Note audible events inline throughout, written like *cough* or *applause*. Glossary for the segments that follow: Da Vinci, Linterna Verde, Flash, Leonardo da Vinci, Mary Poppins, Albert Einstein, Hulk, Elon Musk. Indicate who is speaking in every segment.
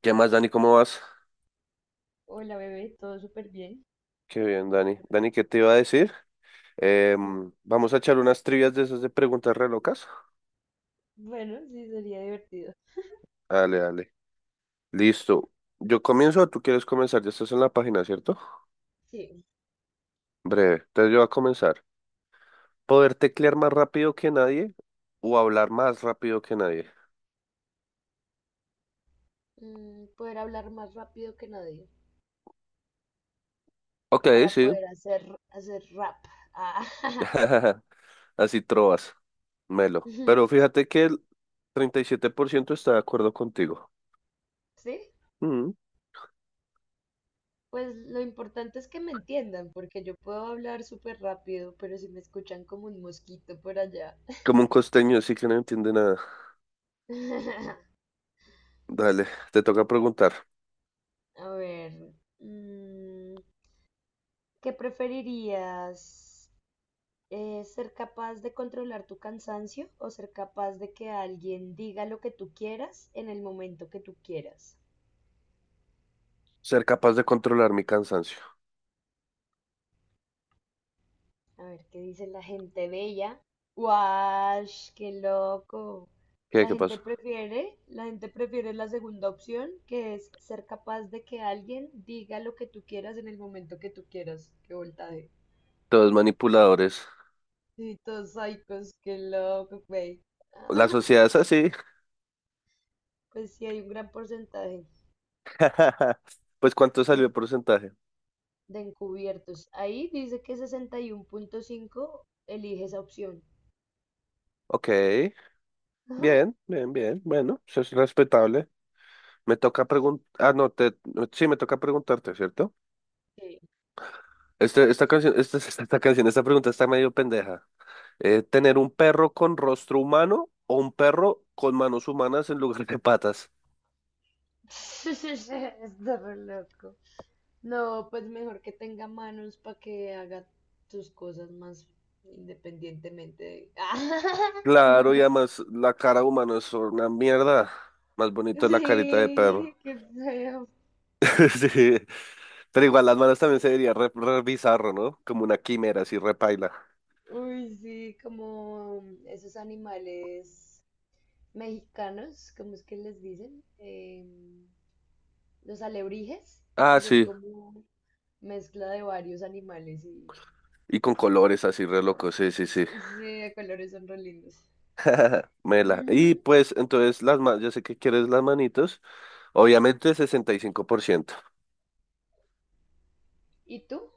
Speaker 1: ¿Qué más, Dani? ¿Cómo vas?
Speaker 2: Hola bebé, todo súper bien.
Speaker 1: Qué bien, Dani. Dani, ¿qué te iba a decir?
Speaker 2: Mm.
Speaker 1: Vamos a echar unas trivias de esas de preguntas re locas.
Speaker 2: Bueno, sí, sería divertido.
Speaker 1: Dale, dale. Listo. Yo comienzo o tú quieres comenzar. Ya estás en la página, ¿cierto?
Speaker 2: Sí,
Speaker 1: Breve. Entonces yo voy a comenzar. ¿Poder teclear más rápido que nadie o hablar más rápido que nadie?
Speaker 2: poder hablar más rápido que nadie
Speaker 1: Ok,
Speaker 2: para
Speaker 1: sí.
Speaker 2: poder hacer rap. Ah.
Speaker 1: *laughs* Así trovas, Melo. Pero
Speaker 2: *laughs*
Speaker 1: fíjate que el 37% está de acuerdo contigo.
Speaker 2: Sí,
Speaker 1: Mm.
Speaker 2: pues lo importante es que me entiendan, porque yo puedo hablar súper rápido, pero si me escuchan como un mosquito por allá.
Speaker 1: Como un costeño, sí que no entiende nada.
Speaker 2: *laughs*
Speaker 1: Dale, te toca preguntar.
Speaker 2: A ver, mm, ¿qué preferirías? Es ser capaz de controlar tu cansancio o ser capaz de que alguien diga lo que tú quieras en el momento que tú quieras.
Speaker 1: Ser capaz de controlar mi cansancio.
Speaker 2: A ver, ¿qué dice la gente bella? ¡Wash! ¡Qué loco!
Speaker 1: ¿Qué,
Speaker 2: La
Speaker 1: qué
Speaker 2: gente
Speaker 1: pasa?
Speaker 2: prefiere, la gente prefiere la segunda opción, que es ser capaz de que alguien diga lo que tú quieras en el momento que tú quieras. ¡Qué voltaje!
Speaker 1: Todos manipuladores.
Speaker 2: Sí, todos psicos, qué loco, güey.
Speaker 1: La sociedad
Speaker 2: *laughs*
Speaker 1: es así.
Speaker 2: Pues sí, hay un gran porcentaje
Speaker 1: *laughs* Pues, ¿cuánto salió
Speaker 2: de
Speaker 1: el porcentaje?
Speaker 2: de encubiertos. Ahí dice que 61.5 elige esa opción.
Speaker 1: Ok, bien,
Speaker 2: *laughs*
Speaker 1: bien, bien. Bueno, eso es respetable. Me toca preguntar. Ah, no, no, sí, me toca preguntarte, ¿cierto?
Speaker 2: Sí.
Speaker 1: Este, esta canción, esta canción, esta pregunta está medio pendeja. ¿Tener un perro con rostro humano o un perro con manos humanas en lugar de patas?
Speaker 2: *laughs* Está re loco. No, pues mejor que tenga manos para que haga tus cosas más independientemente de… *laughs*
Speaker 1: Claro, y además la cara humana es una mierda. Más bonito es la carita de
Speaker 2: Sí,
Speaker 1: perro.
Speaker 2: qué feo.
Speaker 1: *laughs* Sí, pero igual las manos también se vería re bizarro, ¿no? Como una quimera así repaila.
Speaker 2: Uy, sí, como esos animales mexicanos, ¿cómo es que les dicen? Los alebrijes,
Speaker 1: Ah,
Speaker 2: que son
Speaker 1: sí.
Speaker 2: como… mezcla de varios animales y
Speaker 1: Y con colores así re loco, sí, sí, sí.
Speaker 2: sí, de colores son re lindos.
Speaker 1: *laughs* Mela. Y
Speaker 2: *laughs*
Speaker 1: pues entonces las manos, yo sé que quieres las manitos. Obviamente 65%.
Speaker 2: ¿Y tú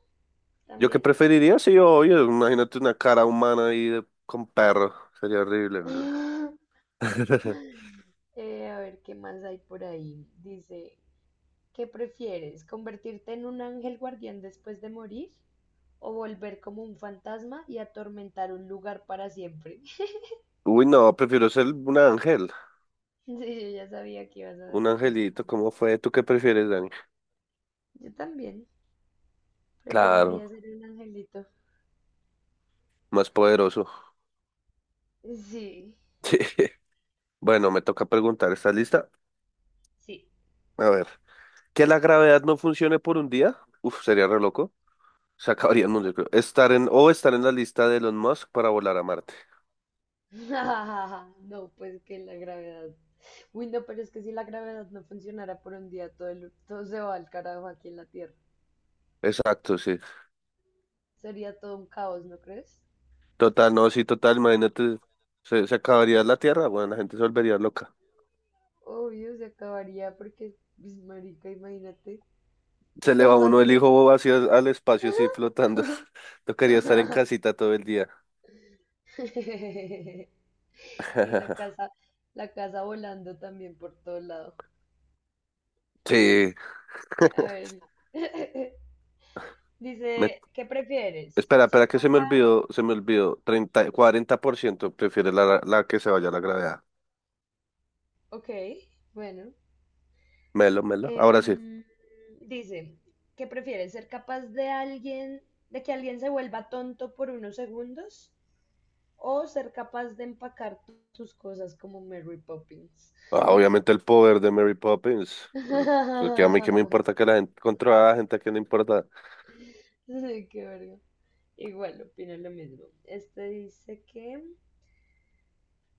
Speaker 1: ¿Yo qué
Speaker 2: también?
Speaker 1: preferiría? Sí, obvio. Imagínate una cara humana ahí de- con perro. Sería horrible. ¿No?
Speaker 2: *laughs*
Speaker 1: *laughs*
Speaker 2: A ver qué más hay por ahí. Dice, ¿qué prefieres? ¿Convertirte en un ángel guardián después de morir? ¿O volver como un fantasma y atormentar un lugar para siempre? *laughs*
Speaker 1: Uy, no, prefiero ser un ángel.
Speaker 2: Sí, yo ya sabía que ibas a
Speaker 1: Un angelito,
Speaker 2: responder.
Speaker 1: ¿cómo fue? ¿Tú qué prefieres, Dani?
Speaker 2: Yo también preferiría
Speaker 1: Claro,
Speaker 2: ser un angelito.
Speaker 1: más poderoso.
Speaker 2: Sí,
Speaker 1: *laughs* Bueno, me toca preguntar, ¿estás lista?
Speaker 2: sí.
Speaker 1: A ver, que la gravedad no funcione por un día, uf, sería re loco, se *laughs* acabaría el mundo, yo creo. Estar en, o estar en la lista de Elon Musk para volar a Marte.
Speaker 2: *laughs* No, pues que la gravedad. Uy, no, pero es que si la gravedad no funcionara por un día, todo, todo se va al carajo aquí en la Tierra.
Speaker 1: Exacto, sí.
Speaker 2: Sería todo un caos, ¿no crees?
Speaker 1: Total, no, sí, total, imagínate, se acabaría la Tierra, bueno, la gente se volvería loca.
Speaker 2: Obvio, se acabaría porque, pues, marica, imagínate,
Speaker 1: Se le va
Speaker 2: todo
Speaker 1: uno el
Speaker 2: así.
Speaker 1: hijo vacío al espacio, así flotando. *laughs* Tocaría estar en
Speaker 2: *laughs*
Speaker 1: casita todo el día.
Speaker 2: Y
Speaker 1: *laughs*
Speaker 2: la casa volando también por todo lado.
Speaker 1: Sí.
Speaker 2: A ver. *laughs*
Speaker 1: Me-
Speaker 2: Dice, ¿qué prefieres?
Speaker 1: espera, espera,
Speaker 2: ¿Ser
Speaker 1: que se me
Speaker 2: capaz?
Speaker 1: olvidó, se me olvidó. 30, 40% prefiere la, la que se vaya a la gravedad.
Speaker 2: Ok, bueno.
Speaker 1: Melo, melo. Ahora sí.
Speaker 2: Em, Dice, ¿qué prefieres? ¿Ser capaz de alguien, de que alguien se vuelva tonto por unos segundos? ¿O ser capaz de empacar tus cosas como Mary Poppins?
Speaker 1: Ah, obviamente el poder de Mary Poppins. Que a mí que me
Speaker 2: *laughs*
Speaker 1: importa que la gente controla a la gente que no importa.
Speaker 2: Sí, qué verga. Igual, opino lo mismo. Este dice que…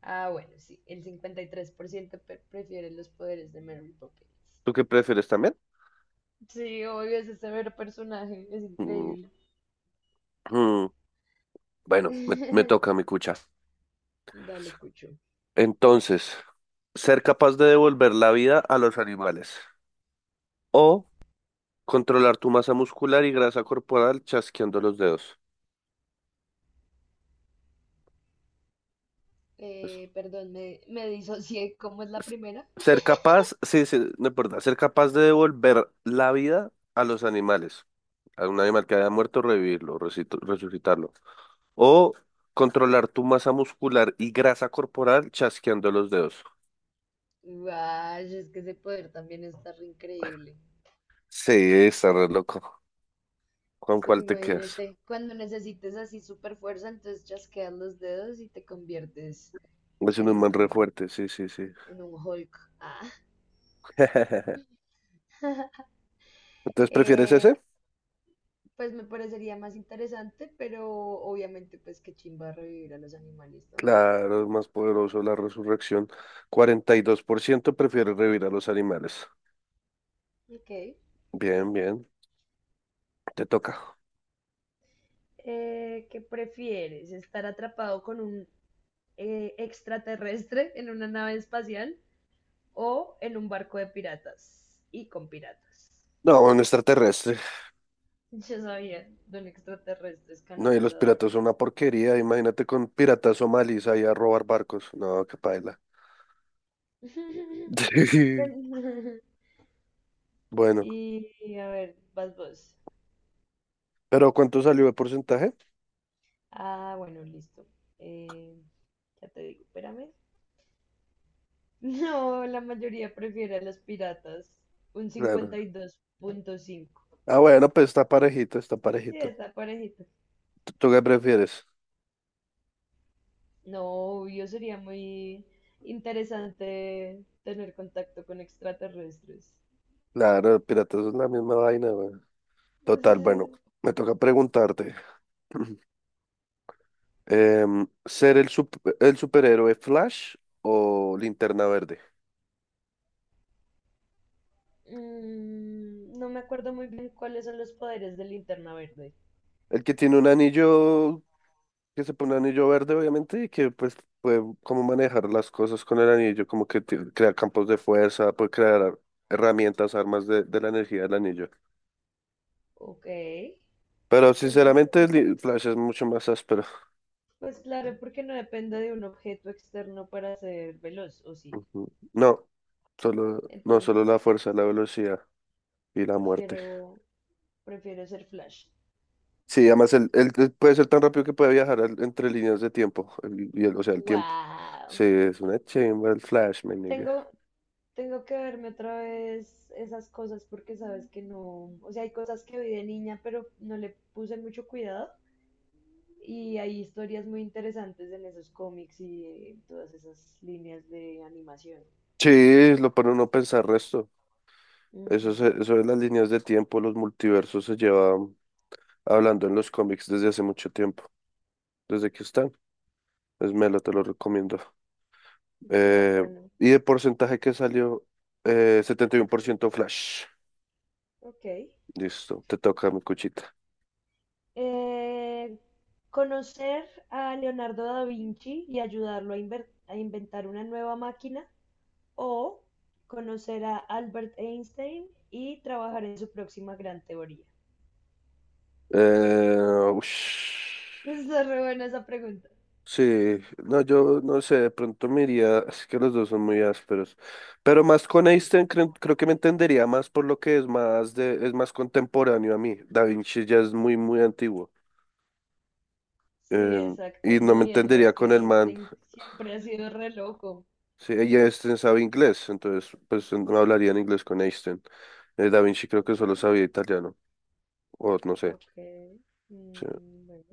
Speaker 2: Ah, bueno, sí, el 53% prefiere los poderes de Mary Poppins.
Speaker 1: ¿Tú qué prefieres también?
Speaker 2: Sí, obvio, ese severo personaje, es
Speaker 1: Mm,
Speaker 2: increíble.
Speaker 1: mm. Bueno, me toca
Speaker 2: *laughs*
Speaker 1: mi cucha.
Speaker 2: Dale, Cucho.
Speaker 1: Entonces, ser capaz de devolver la vida a los animales o controlar tu masa muscular y grasa corporal chasqueando los dedos. Es-
Speaker 2: Perdón, me disocié. ¿Cómo es la
Speaker 1: es-
Speaker 2: primera?
Speaker 1: Ser capaz, sí, sí, no importa, ser capaz de devolver la vida a los animales, a un animal que haya muerto, revivirlo, resucitarlo. O controlar tu masa muscular y grasa corporal chasqueando los dedos.
Speaker 2: Guay, es que ese poder también está re increíble.
Speaker 1: Sí, está re loco. ¿Con
Speaker 2: Pues
Speaker 1: cuál te quedas?
Speaker 2: imagínate, cuando necesites así super fuerza, entonces chasqueas los dedos y te conviertes
Speaker 1: Es un
Speaker 2: en
Speaker 1: man re
Speaker 2: un,
Speaker 1: fuerte, sí, sí, sí.
Speaker 2: en un Hulk. Ah.
Speaker 1: *laughs* Entonces, ¿prefieres
Speaker 2: Eh,
Speaker 1: ese?
Speaker 2: pues me parecería más interesante, pero obviamente pues que chimba revivir a los animales también.
Speaker 1: Claro, es más poderoso la resurrección. 42% prefiere revivir a los animales.
Speaker 2: Ok.
Speaker 1: Bien, bien, te toca.
Speaker 2: ¿Qué prefieres? ¿Estar atrapado con un extraterrestre en una nave espacial o en un barco de piratas y con piratas?
Speaker 1: No, un extraterrestre.
Speaker 2: Ya sabía, don extraterrestre es
Speaker 1: No, y los
Speaker 2: canalizador.
Speaker 1: piratas son una porquería. Imagínate con piratas somalíes ahí a robar barcos. No, qué paila.
Speaker 2: *laughs*
Speaker 1: *laughs* Bueno,
Speaker 2: Y a ver, vas vos.
Speaker 1: pero ¿cuánto salió de porcentaje?
Speaker 2: Ah, bueno, listo. Eh, ya te digo, espérame. *laughs* No, la mayoría prefiere a los piratas. Un
Speaker 1: Claro.
Speaker 2: 52.5.
Speaker 1: Ah, bueno, pues está parejito, está
Speaker 2: Sí,
Speaker 1: parejito.
Speaker 2: está parejito.
Speaker 1: ¿Tú qué prefieres?
Speaker 2: No, yo sería muy interesante tener contacto con extraterrestres.
Speaker 1: Claro, piratas es la misma vaina, güey. Total, bueno,
Speaker 2: *laughs*
Speaker 1: me toca preguntarte. *clears throat* ¿Ser el superhéroe Flash o Linterna Verde?
Speaker 2: Mm, no me acuerdo muy bien cuáles son los poderes de Linterna Verde.
Speaker 1: El que tiene un anillo, que se pone un anillo verde, obviamente, y que pues puede como manejar las cosas con el anillo, como que crea campos de fuerza, puede crear herramientas, armas de la energía del anillo.
Speaker 2: Ok,
Speaker 1: Pero
Speaker 2: está
Speaker 1: sinceramente,
Speaker 2: interesante.
Speaker 1: el Flash es mucho más áspero.
Speaker 2: Pues claro, porque no depende de un objeto externo para ser veloz, ¿o sí?
Speaker 1: Ujú. No. Solo, no
Speaker 2: Entonces,
Speaker 1: solo la fuerza, la velocidad y la muerte.
Speaker 2: prefiero, prefiero ser Flash.
Speaker 1: Sí, además él puede ser tan rápido que puede viajar entre líneas de tiempo. O sea, el tiempo.
Speaker 2: Wow.
Speaker 1: Sí, es una chimba el Flash, me nigga.
Speaker 2: Tengo Tengo que verme otra vez esas cosas porque sabes que no, o sea, hay cosas que vi de niña, pero no le puse mucho cuidado y hay historias muy interesantes en esos cómics y en todas esas líneas de animación.
Speaker 1: Sí, lo pone uno a pensar resto. Eso, es
Speaker 2: Ujú.
Speaker 1: eso de las líneas de tiempo, los multiversos se llevan hablando en los cómics desde hace mucho tiempo, desde que están. Es Melo, te lo recomiendo.
Speaker 2: Qué
Speaker 1: Eh,
Speaker 2: bacano.
Speaker 1: y de porcentaje que salió, 71% Flash.
Speaker 2: Ok.
Speaker 1: Listo, te toca mi cuchita.
Speaker 2: Eh, conocer a Leonardo da Vinci y ayudarlo a, a inventar una nueva máquina o conocer a Albert Einstein y trabajar en su próxima gran teoría.
Speaker 1: Ush.
Speaker 2: Está re buena esa pregunta.
Speaker 1: Sí, no, yo no sé, de pronto me iría, es que los dos son muy ásperos, pero más con
Speaker 2: Sí.
Speaker 1: Einstein creo, creo que me entendería más por lo que es es más contemporáneo a mí. Da Vinci ya es muy, muy antiguo,
Speaker 2: Sí,
Speaker 1: eh,
Speaker 2: exacto.
Speaker 1: y no me
Speaker 2: No, y además
Speaker 1: entendería
Speaker 2: que
Speaker 1: con el man.
Speaker 2: Einstein siempre ha sido re loco.
Speaker 1: Sí, y Einstein sabe inglés, entonces pues no hablaría en inglés con Einstein. Da Vinci creo que
Speaker 2: Ok.
Speaker 1: solo sabía italiano, o no sé.
Speaker 2: Ok.
Speaker 1: Sí.
Speaker 2: Mm, bueno.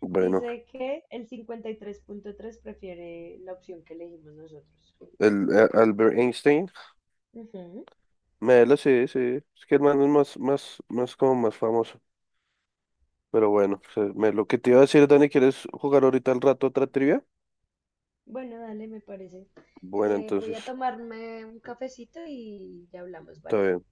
Speaker 1: Bueno,
Speaker 2: Dice que el 53.3 prefiere la opción que elegimos nosotros.
Speaker 1: Albert Einstein.
Speaker 2: Ujú.
Speaker 1: Melo, sí, sí. Es que el man es más, más, más como más famoso. Pero bueno, o sea, Melo, ¿qué te iba a decir, Dani? ¿Quieres jugar ahorita al rato otra trivia?
Speaker 2: Bueno, dale, me parece.
Speaker 1: Bueno,
Speaker 2: Voy
Speaker 1: entonces,
Speaker 2: a tomarme un cafecito y ya hablamos,
Speaker 1: está
Speaker 2: ¿vale?
Speaker 1: bien.